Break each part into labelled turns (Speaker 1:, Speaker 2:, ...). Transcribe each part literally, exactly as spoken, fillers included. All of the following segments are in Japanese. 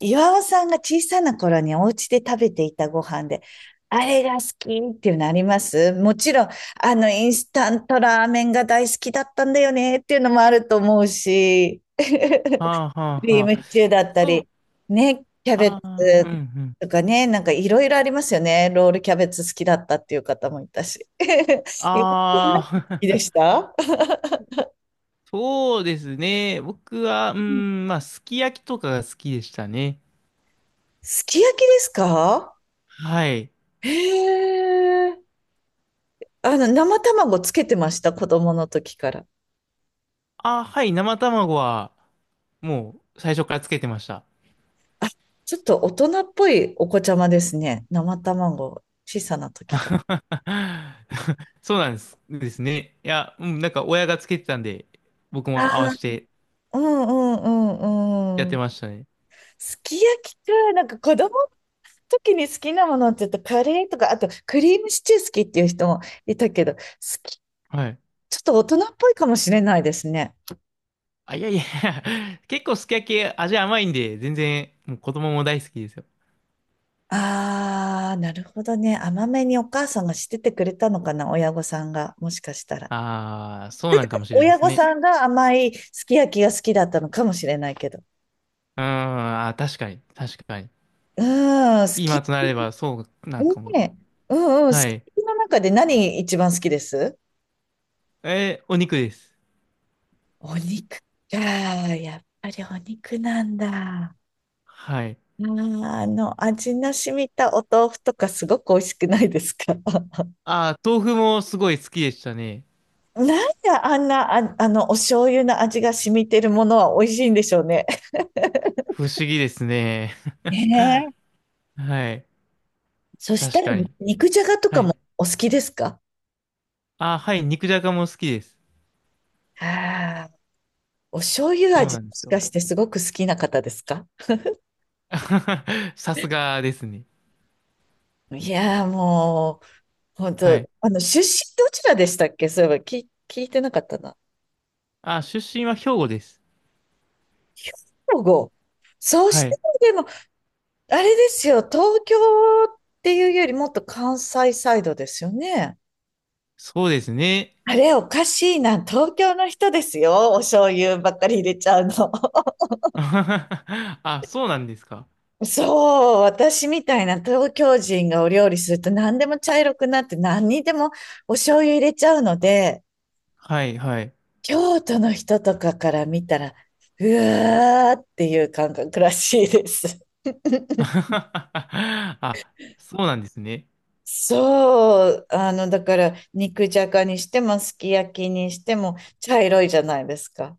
Speaker 1: 岩尾さんが小さな頃にお家で食べていたご飯で、あれが好きっていうのありますもちろん、あの、インスタントラーメンが大好きだったんだよねっていうのもあると思うし、
Speaker 2: はあはあ
Speaker 1: クリーム
Speaker 2: はあ。
Speaker 1: シチューだった
Speaker 2: そう、
Speaker 1: り、ね、キャベツ
Speaker 2: ああ、うんうん。
Speaker 1: とかね、なんかいろいろありますよね。ロールキャベツ好きだったっていう方もいたし。ゆかさん好
Speaker 2: あ
Speaker 1: き
Speaker 2: あ、
Speaker 1: でした？
Speaker 2: そうですね。僕は、うん、まあ、すき焼きとかが好きでしたね。
Speaker 1: すき焼きですか？
Speaker 2: はい。
Speaker 1: へえ。あの、生卵つけてました、子供の時から。
Speaker 2: あ、はい、生卵は、もう、最初からつけてました。
Speaker 1: あ、ちょっと大人っぽいお子ちゃまですね。生卵、小さな時か
Speaker 2: そうなんです。ですね。いや、うん、なんか、親がつけてたんで、僕
Speaker 1: ら。ああ、
Speaker 2: も合わせて
Speaker 1: うんうんう
Speaker 2: やっ
Speaker 1: んう
Speaker 2: て
Speaker 1: ん。
Speaker 2: ましたね。
Speaker 1: すき焼きか、なんか子供の時に好きなものって言うとカレーとか、あとクリームシチュー好きっていう人もいたけど、好き、
Speaker 2: はい。
Speaker 1: ちょっと大人っぽいかもしれないですね。
Speaker 2: あ、いやいや 結構すき焼き味甘いんで、全然、もう子供も大好きですよ。
Speaker 1: ああ、なるほどね。甘めにお母さんがしててくれたのかな、親御さんが、もしかしたら。
Speaker 2: ああ、そうなんかもしれないで
Speaker 1: 親
Speaker 2: す
Speaker 1: 御
Speaker 2: ね。
Speaker 1: さんが甘いすき焼きが好きだったのかもしれないけど。
Speaker 2: うーん、あー、確かに、確かに。
Speaker 1: うーん、すき
Speaker 2: 今となれば、そう、なんかもう。
Speaker 1: ねえ、うんうん、好
Speaker 2: はい。
Speaker 1: きの中で何一番好きです？
Speaker 2: えーお肉です。
Speaker 1: お肉か。やっぱりお肉なんだ。あ
Speaker 2: はい。
Speaker 1: ーあの、味の染みたお豆腐とかすごく美味しくないですか？
Speaker 2: あー、豆腐もすごい好きでしたね。
Speaker 1: なんであんな、あ、あの、お醤油の味が染みてるものは美味しいんでしょうね。
Speaker 2: 不思議ですね。
Speaker 1: ねえ。
Speaker 2: はい。
Speaker 1: そした
Speaker 2: 確
Speaker 1: ら、
Speaker 2: かに。
Speaker 1: 肉じゃがと
Speaker 2: は
Speaker 1: かも
Speaker 2: い。
Speaker 1: お好きですか？
Speaker 2: あー、はい、肉じゃがも好きです。
Speaker 1: ああー、お醤油
Speaker 2: そう
Speaker 1: 味
Speaker 2: なん
Speaker 1: も
Speaker 2: です
Speaker 1: し
Speaker 2: よ。
Speaker 1: かしてすごく好きな方ですか？
Speaker 2: さすがですね。
Speaker 1: いやーもう、本
Speaker 2: はい。
Speaker 1: 当、あの、出身どちらでしたっけ？そういえば、き、聞いてなかったな。
Speaker 2: あー、出身は兵庫です。
Speaker 1: 兵庫。そう
Speaker 2: は
Speaker 1: して
Speaker 2: い。
Speaker 1: も、でも、あれですよ、東京っていうよりもっと関西サイドですよね。
Speaker 2: そうですね。
Speaker 1: あれ、おかしいな。東京の人ですよ。お醤油ばっかり入れちゃうの。
Speaker 2: あ、そうなんですか？
Speaker 1: そう、私みたいな東京人がお料理すると何でも茶色くなって何にでもお醤油入れちゃうので、
Speaker 2: はい、はい。
Speaker 1: 京都の人とかから見たら、うわーっていう感覚らしいです。
Speaker 2: あ、そうなんですね。
Speaker 1: そう、あの、だから、肉じゃがにしても、すき焼きにしても、茶色いじゃないですか。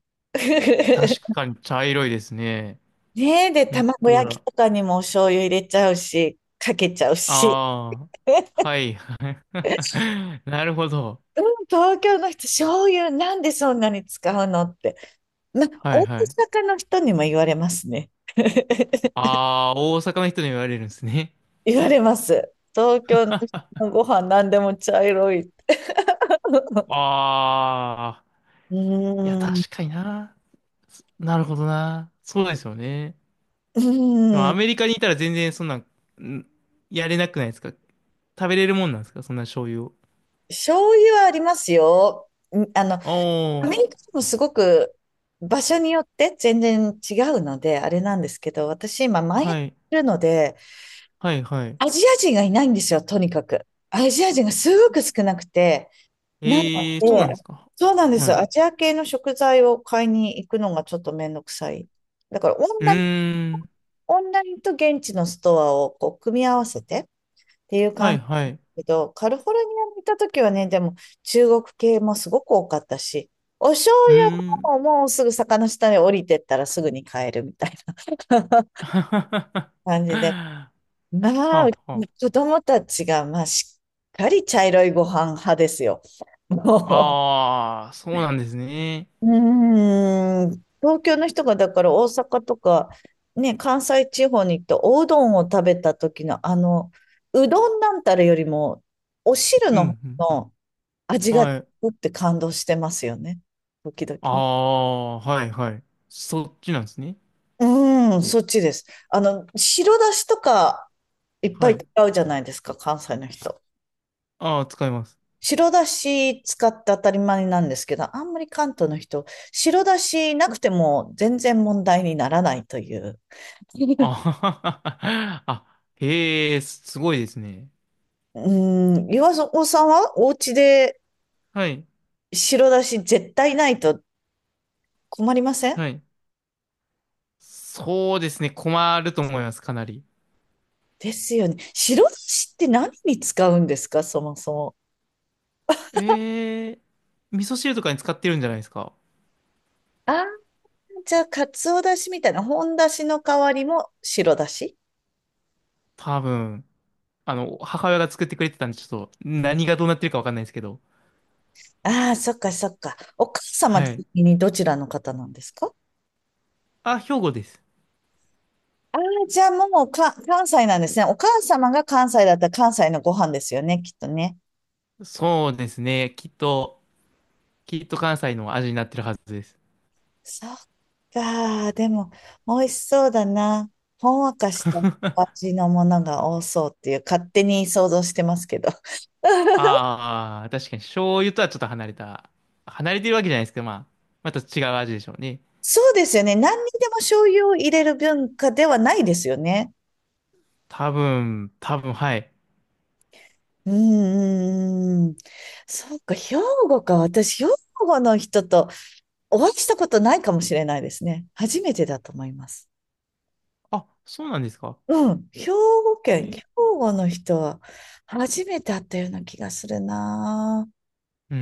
Speaker 2: 確 かに茶色いですね。
Speaker 1: ねえ、で、
Speaker 2: 本
Speaker 1: 卵
Speaker 2: 当
Speaker 1: 焼き
Speaker 2: だ。
Speaker 1: とかにもお醤油入れちゃうし、かけちゃうし。
Speaker 2: ああ、はい、はい。なるほど。
Speaker 1: うん、東京の人、醤油なんでそんなに使うのって。ま、
Speaker 2: はい、
Speaker 1: 大
Speaker 2: はい。
Speaker 1: 阪の人にも言われますね。
Speaker 2: ああ、大阪の人に言われるんですね。
Speaker 1: 言われます。東京の人のご飯何でも茶色い。
Speaker 2: ああ、
Speaker 1: う
Speaker 2: いや、
Speaker 1: ーん。
Speaker 2: 確かにな。そなるほどな。そうですよね。
Speaker 1: う
Speaker 2: でも
Speaker 1: ー
Speaker 2: ア
Speaker 1: ん。
Speaker 2: メリカにいたら全然そんなん、んやれなくないですか？食べれるもんなんですか、そんな醤油を。
Speaker 1: 醤油はありますよ。んあの、アメ
Speaker 2: あ
Speaker 1: リカでもすごく場所によって全然違うので、あれなんですけど、私今
Speaker 2: あ、
Speaker 1: 前やっ
Speaker 2: はい、
Speaker 1: てるので、
Speaker 2: はい、はい。
Speaker 1: アジア人がいないんですよ、とにかく。アジア人がすごく少なくて、なの
Speaker 2: ええー、そうなん
Speaker 1: で、
Speaker 2: ですか？
Speaker 1: そうなんで
Speaker 2: は
Speaker 1: す。
Speaker 2: い。
Speaker 1: ア
Speaker 2: う
Speaker 1: ジア系の食材を買いに行くのがちょっとめんどくさい。だからオン
Speaker 2: ー
Speaker 1: ライン
Speaker 2: ん、
Speaker 1: オンラインと現地のストアをこう組み合わせてっていう
Speaker 2: は
Speaker 1: 感
Speaker 2: い、
Speaker 1: じ
Speaker 2: は
Speaker 1: だ
Speaker 2: い。う
Speaker 1: けど、カリフォルニアに行った時はね、でも中国系もすごく多かったし、お醤
Speaker 2: ーん。
Speaker 1: 油ももうすぐ坂の下に降りてったらすぐに買えるみたいな
Speaker 2: は
Speaker 1: 感じで。
Speaker 2: あ、
Speaker 1: まあ、
Speaker 2: は
Speaker 1: うちの子供たちが、まあ、しっかり茶色いご飯派ですよ。もう
Speaker 2: あ。ああ、そうなんですね。
Speaker 1: うーん、東京の人がだから大阪とか、ね、関西地方に行っておうどんを食べた時のあの、うどんなんたらよりも、お汁
Speaker 2: う
Speaker 1: の
Speaker 2: ん、
Speaker 1: 方の味
Speaker 2: うん。
Speaker 1: が
Speaker 2: はい。
Speaker 1: うって感動してますよね。時々
Speaker 2: あ
Speaker 1: ね。
Speaker 2: あ、はい、はい。そっちなんですね。
Speaker 1: うーん、そっちです。あの、白だしとかいっぱ
Speaker 2: は
Speaker 1: い
Speaker 2: い。
Speaker 1: 使うじゃないですか、関西の人。
Speaker 2: ああ、使います。
Speaker 1: 白だし使って当たり前なんですけど、あんまり関東の人、白だしなくても全然問題にならないという。
Speaker 2: あ ははは。あ、へえ、すすごいですね。
Speaker 1: うーん、岩尾さんはお家で
Speaker 2: はい、
Speaker 1: 白だし絶対ないと困りません？
Speaker 2: はい。そうですね。困ると思います、かなり。
Speaker 1: ですよね。白だしって何に使うんですか、そもそも。
Speaker 2: ええ、味噌汁とかに使ってるんじゃないですか。
Speaker 1: ああ、じゃあ、かつおだしみたいな、本だしの代わりも白だし？
Speaker 2: 多分。あの、母親が作ってくれてたんで、ちょっと、何がどうなってるかわかんないですけど。
Speaker 1: ああ、そっかそっか。お母様
Speaker 2: はい。
Speaker 1: 的にどちらの方なんですか？
Speaker 2: あ、兵庫です。
Speaker 1: ああー、じゃあもうか関西なんですね。お母様が関西だったら関西のご飯ですよね、きっとね。
Speaker 2: そうですね。きっと、きっと関西の味になってるはずです。
Speaker 1: そっか。でも、美味しそうだな。ほんわかしたお味のものが多そうっていう、勝手に想像してますけど。
Speaker 2: ああ、確かに醤油とはちょっと離れた。離れてるわけじゃないですけど、まあ、また違う味でしょうね。
Speaker 1: そうですよね。何にでも醤油を入れる文化ではないですよね。
Speaker 2: 多分、多分、はい。
Speaker 1: うんうんうん。そっか、兵庫か。私、兵庫の人とお会いしたことないかもしれないですね。初めてだと思います。
Speaker 2: あ、そうなんですか？
Speaker 1: うん。兵庫県、兵
Speaker 2: え
Speaker 1: 庫の人は初めて会ったような気がするな。
Speaker 2: うー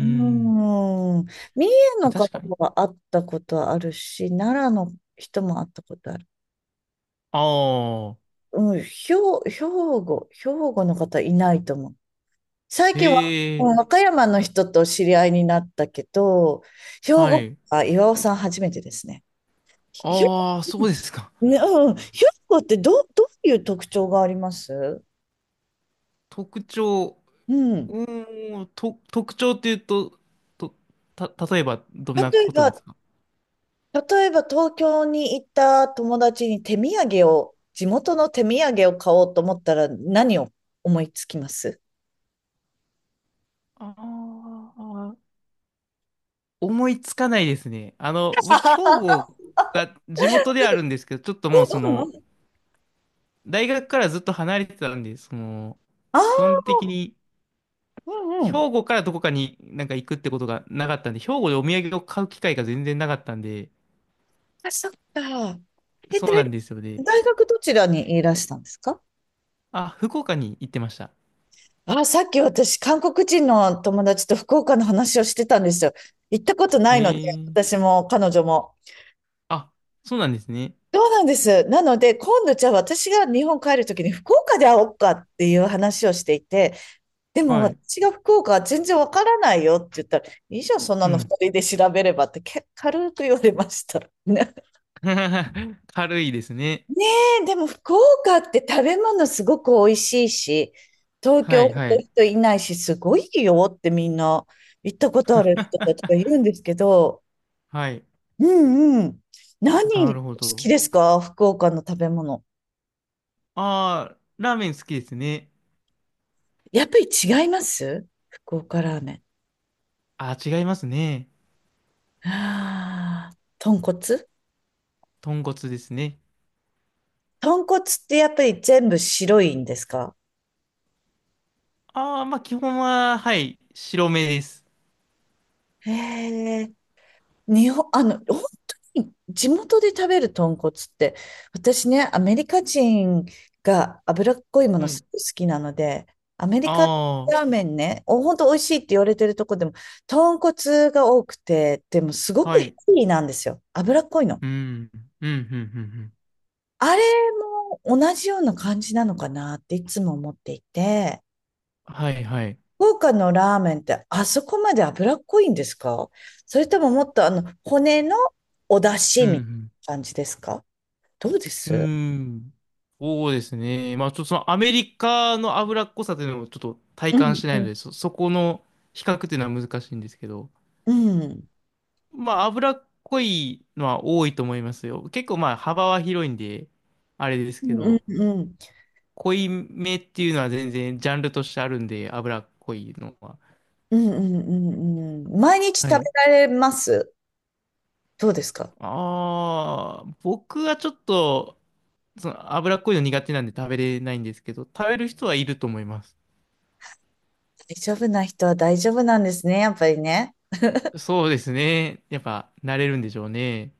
Speaker 1: う
Speaker 2: ん。
Speaker 1: ーん。三重
Speaker 2: あ、
Speaker 1: の方
Speaker 2: 確かに。
Speaker 1: は会ったことあるし、奈良の人も会ったことある。
Speaker 2: ああ、
Speaker 1: うん、兵、兵庫、兵庫の方いないと思う。最近は、うん
Speaker 2: へえ、
Speaker 1: 和歌山の人と知り合いになったけど、兵
Speaker 2: は
Speaker 1: 庫、
Speaker 2: い。
Speaker 1: あ、岩尾さん初めてですね。ひひ。
Speaker 2: ああ、そうですか。
Speaker 1: ね、うん、兵庫ってどう、どういう特徴があります？
Speaker 2: 特徴、
Speaker 1: うん。
Speaker 2: うーん、と、特徴っていうと、と、た、例えばどんな
Speaker 1: 例え
Speaker 2: ことで
Speaker 1: ば、
Speaker 2: すか？
Speaker 1: 例えば東京に行った友達に手土産を、地元の手土産を買おうと思ったら何を思いつきます？
Speaker 2: ああー、思いつかないですね。あの、僕、兵庫が地元ではあるんですけど、ちょっと
Speaker 1: え
Speaker 2: もうそ
Speaker 1: うんう
Speaker 2: の、
Speaker 1: ん。
Speaker 2: 大学からずっと離れてたんで、その、
Speaker 1: あ
Speaker 2: 基
Speaker 1: あ
Speaker 2: 本的に、
Speaker 1: ー、うんう
Speaker 2: 兵
Speaker 1: ん。
Speaker 2: 庫からどこかになんか行くってことがなかったんで、兵庫でお土産を買う機会が全然なかったんで、
Speaker 1: あ、そっか。え、
Speaker 2: そうなん
Speaker 1: 大、
Speaker 2: ですよね。
Speaker 1: 大学どちらにいらしたんですか？
Speaker 2: あ、福岡に行ってました。
Speaker 1: あ、さっき私、韓国人の友達と福岡の話をしてたんですよ。行ったことな
Speaker 2: へ
Speaker 1: いので、
Speaker 2: え。
Speaker 1: 私も彼女も。
Speaker 2: あ、そうなんですね。
Speaker 1: そうなんです。なので、今度じゃあ私が日本帰るときに福岡で会おうかっていう話をしていて、でも
Speaker 2: はい。
Speaker 1: 私が福岡は全然わからないよって言ったら、いいじゃん、そんな
Speaker 2: う
Speaker 1: の
Speaker 2: ん。
Speaker 1: ふたりで調べればってけ軽く言われました。ね。
Speaker 2: 軽いですね。
Speaker 1: ねえ、でも福岡って食べ物すごく美味しいし、東
Speaker 2: は
Speaker 1: 京
Speaker 2: い
Speaker 1: ほ
Speaker 2: は
Speaker 1: ど
Speaker 2: い。
Speaker 1: 人いないし、すごいよってみんな行ったことある人たちがい るんですけど、
Speaker 2: はい。
Speaker 1: うんうん。
Speaker 2: な
Speaker 1: 何好
Speaker 2: るほ
Speaker 1: き
Speaker 2: ど。
Speaker 1: ですか？福岡の食べ物。
Speaker 2: ああ、ラーメン好きですね。
Speaker 1: やっぱり違います？福岡ラーメン。
Speaker 2: あ、違いますね。
Speaker 1: ああ、豚骨。
Speaker 2: 豚骨ですね。
Speaker 1: 豚骨ってやっぱり全部白いんですか？
Speaker 2: ああ、まあ基本は、はい、白目です。
Speaker 1: へえ、日本、あの、本当に地元で食べる豚骨って、私ね、アメリカ人が脂っこいもの
Speaker 2: はい。
Speaker 1: すごい好きなので、アメリカ
Speaker 2: あ
Speaker 1: ラーメンね、お、本当美味しいって言われてるとこでも、豚骨が多くて、でもすご
Speaker 2: あ、は
Speaker 1: くヘ
Speaker 2: い。
Speaker 1: ビーなんですよ。脂っこいの。
Speaker 2: うん、うん、うん、うん。うん
Speaker 1: あれも同じような感じなのかなっていつも思っていて、
Speaker 2: はい、はい。
Speaker 1: 福岡のラーメンってあそこまで脂っこいんですか？それとももっとあの骨のお出
Speaker 2: う
Speaker 1: 汁みたい
Speaker 2: ん、
Speaker 1: な感じですか？どうで
Speaker 2: うん。う
Speaker 1: す？
Speaker 2: ーん。そうですね。まあちょっとそのアメリカの脂っこさというのをちょっと体
Speaker 1: う
Speaker 2: 感
Speaker 1: ん
Speaker 2: しな
Speaker 1: う
Speaker 2: いの
Speaker 1: ん
Speaker 2: で、そ、そこの比較というのは難しいんですけど、
Speaker 1: うん
Speaker 2: まあ脂っこいのは多いと思いますよ。結構まあ幅は広いんで、あれです
Speaker 1: う
Speaker 2: け
Speaker 1: んう
Speaker 2: ど。
Speaker 1: んうん
Speaker 2: 濃いめっていうのは全然ジャンルとしてあるんで、脂っこいのは。
Speaker 1: うんうんうん毎日
Speaker 2: は
Speaker 1: 食べ
Speaker 2: い。
Speaker 1: られます？どうですか？
Speaker 2: ああ、僕はちょっと、その脂っこいの苦手なんで食べれないんですけど、食べる人はいると思います。
Speaker 1: 大丈夫な人は大丈夫なんですね、やっぱりね。
Speaker 2: そうですね。やっぱ慣れるんでしょうね。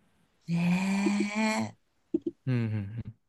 Speaker 1: ねえ。
Speaker 2: うんうんうん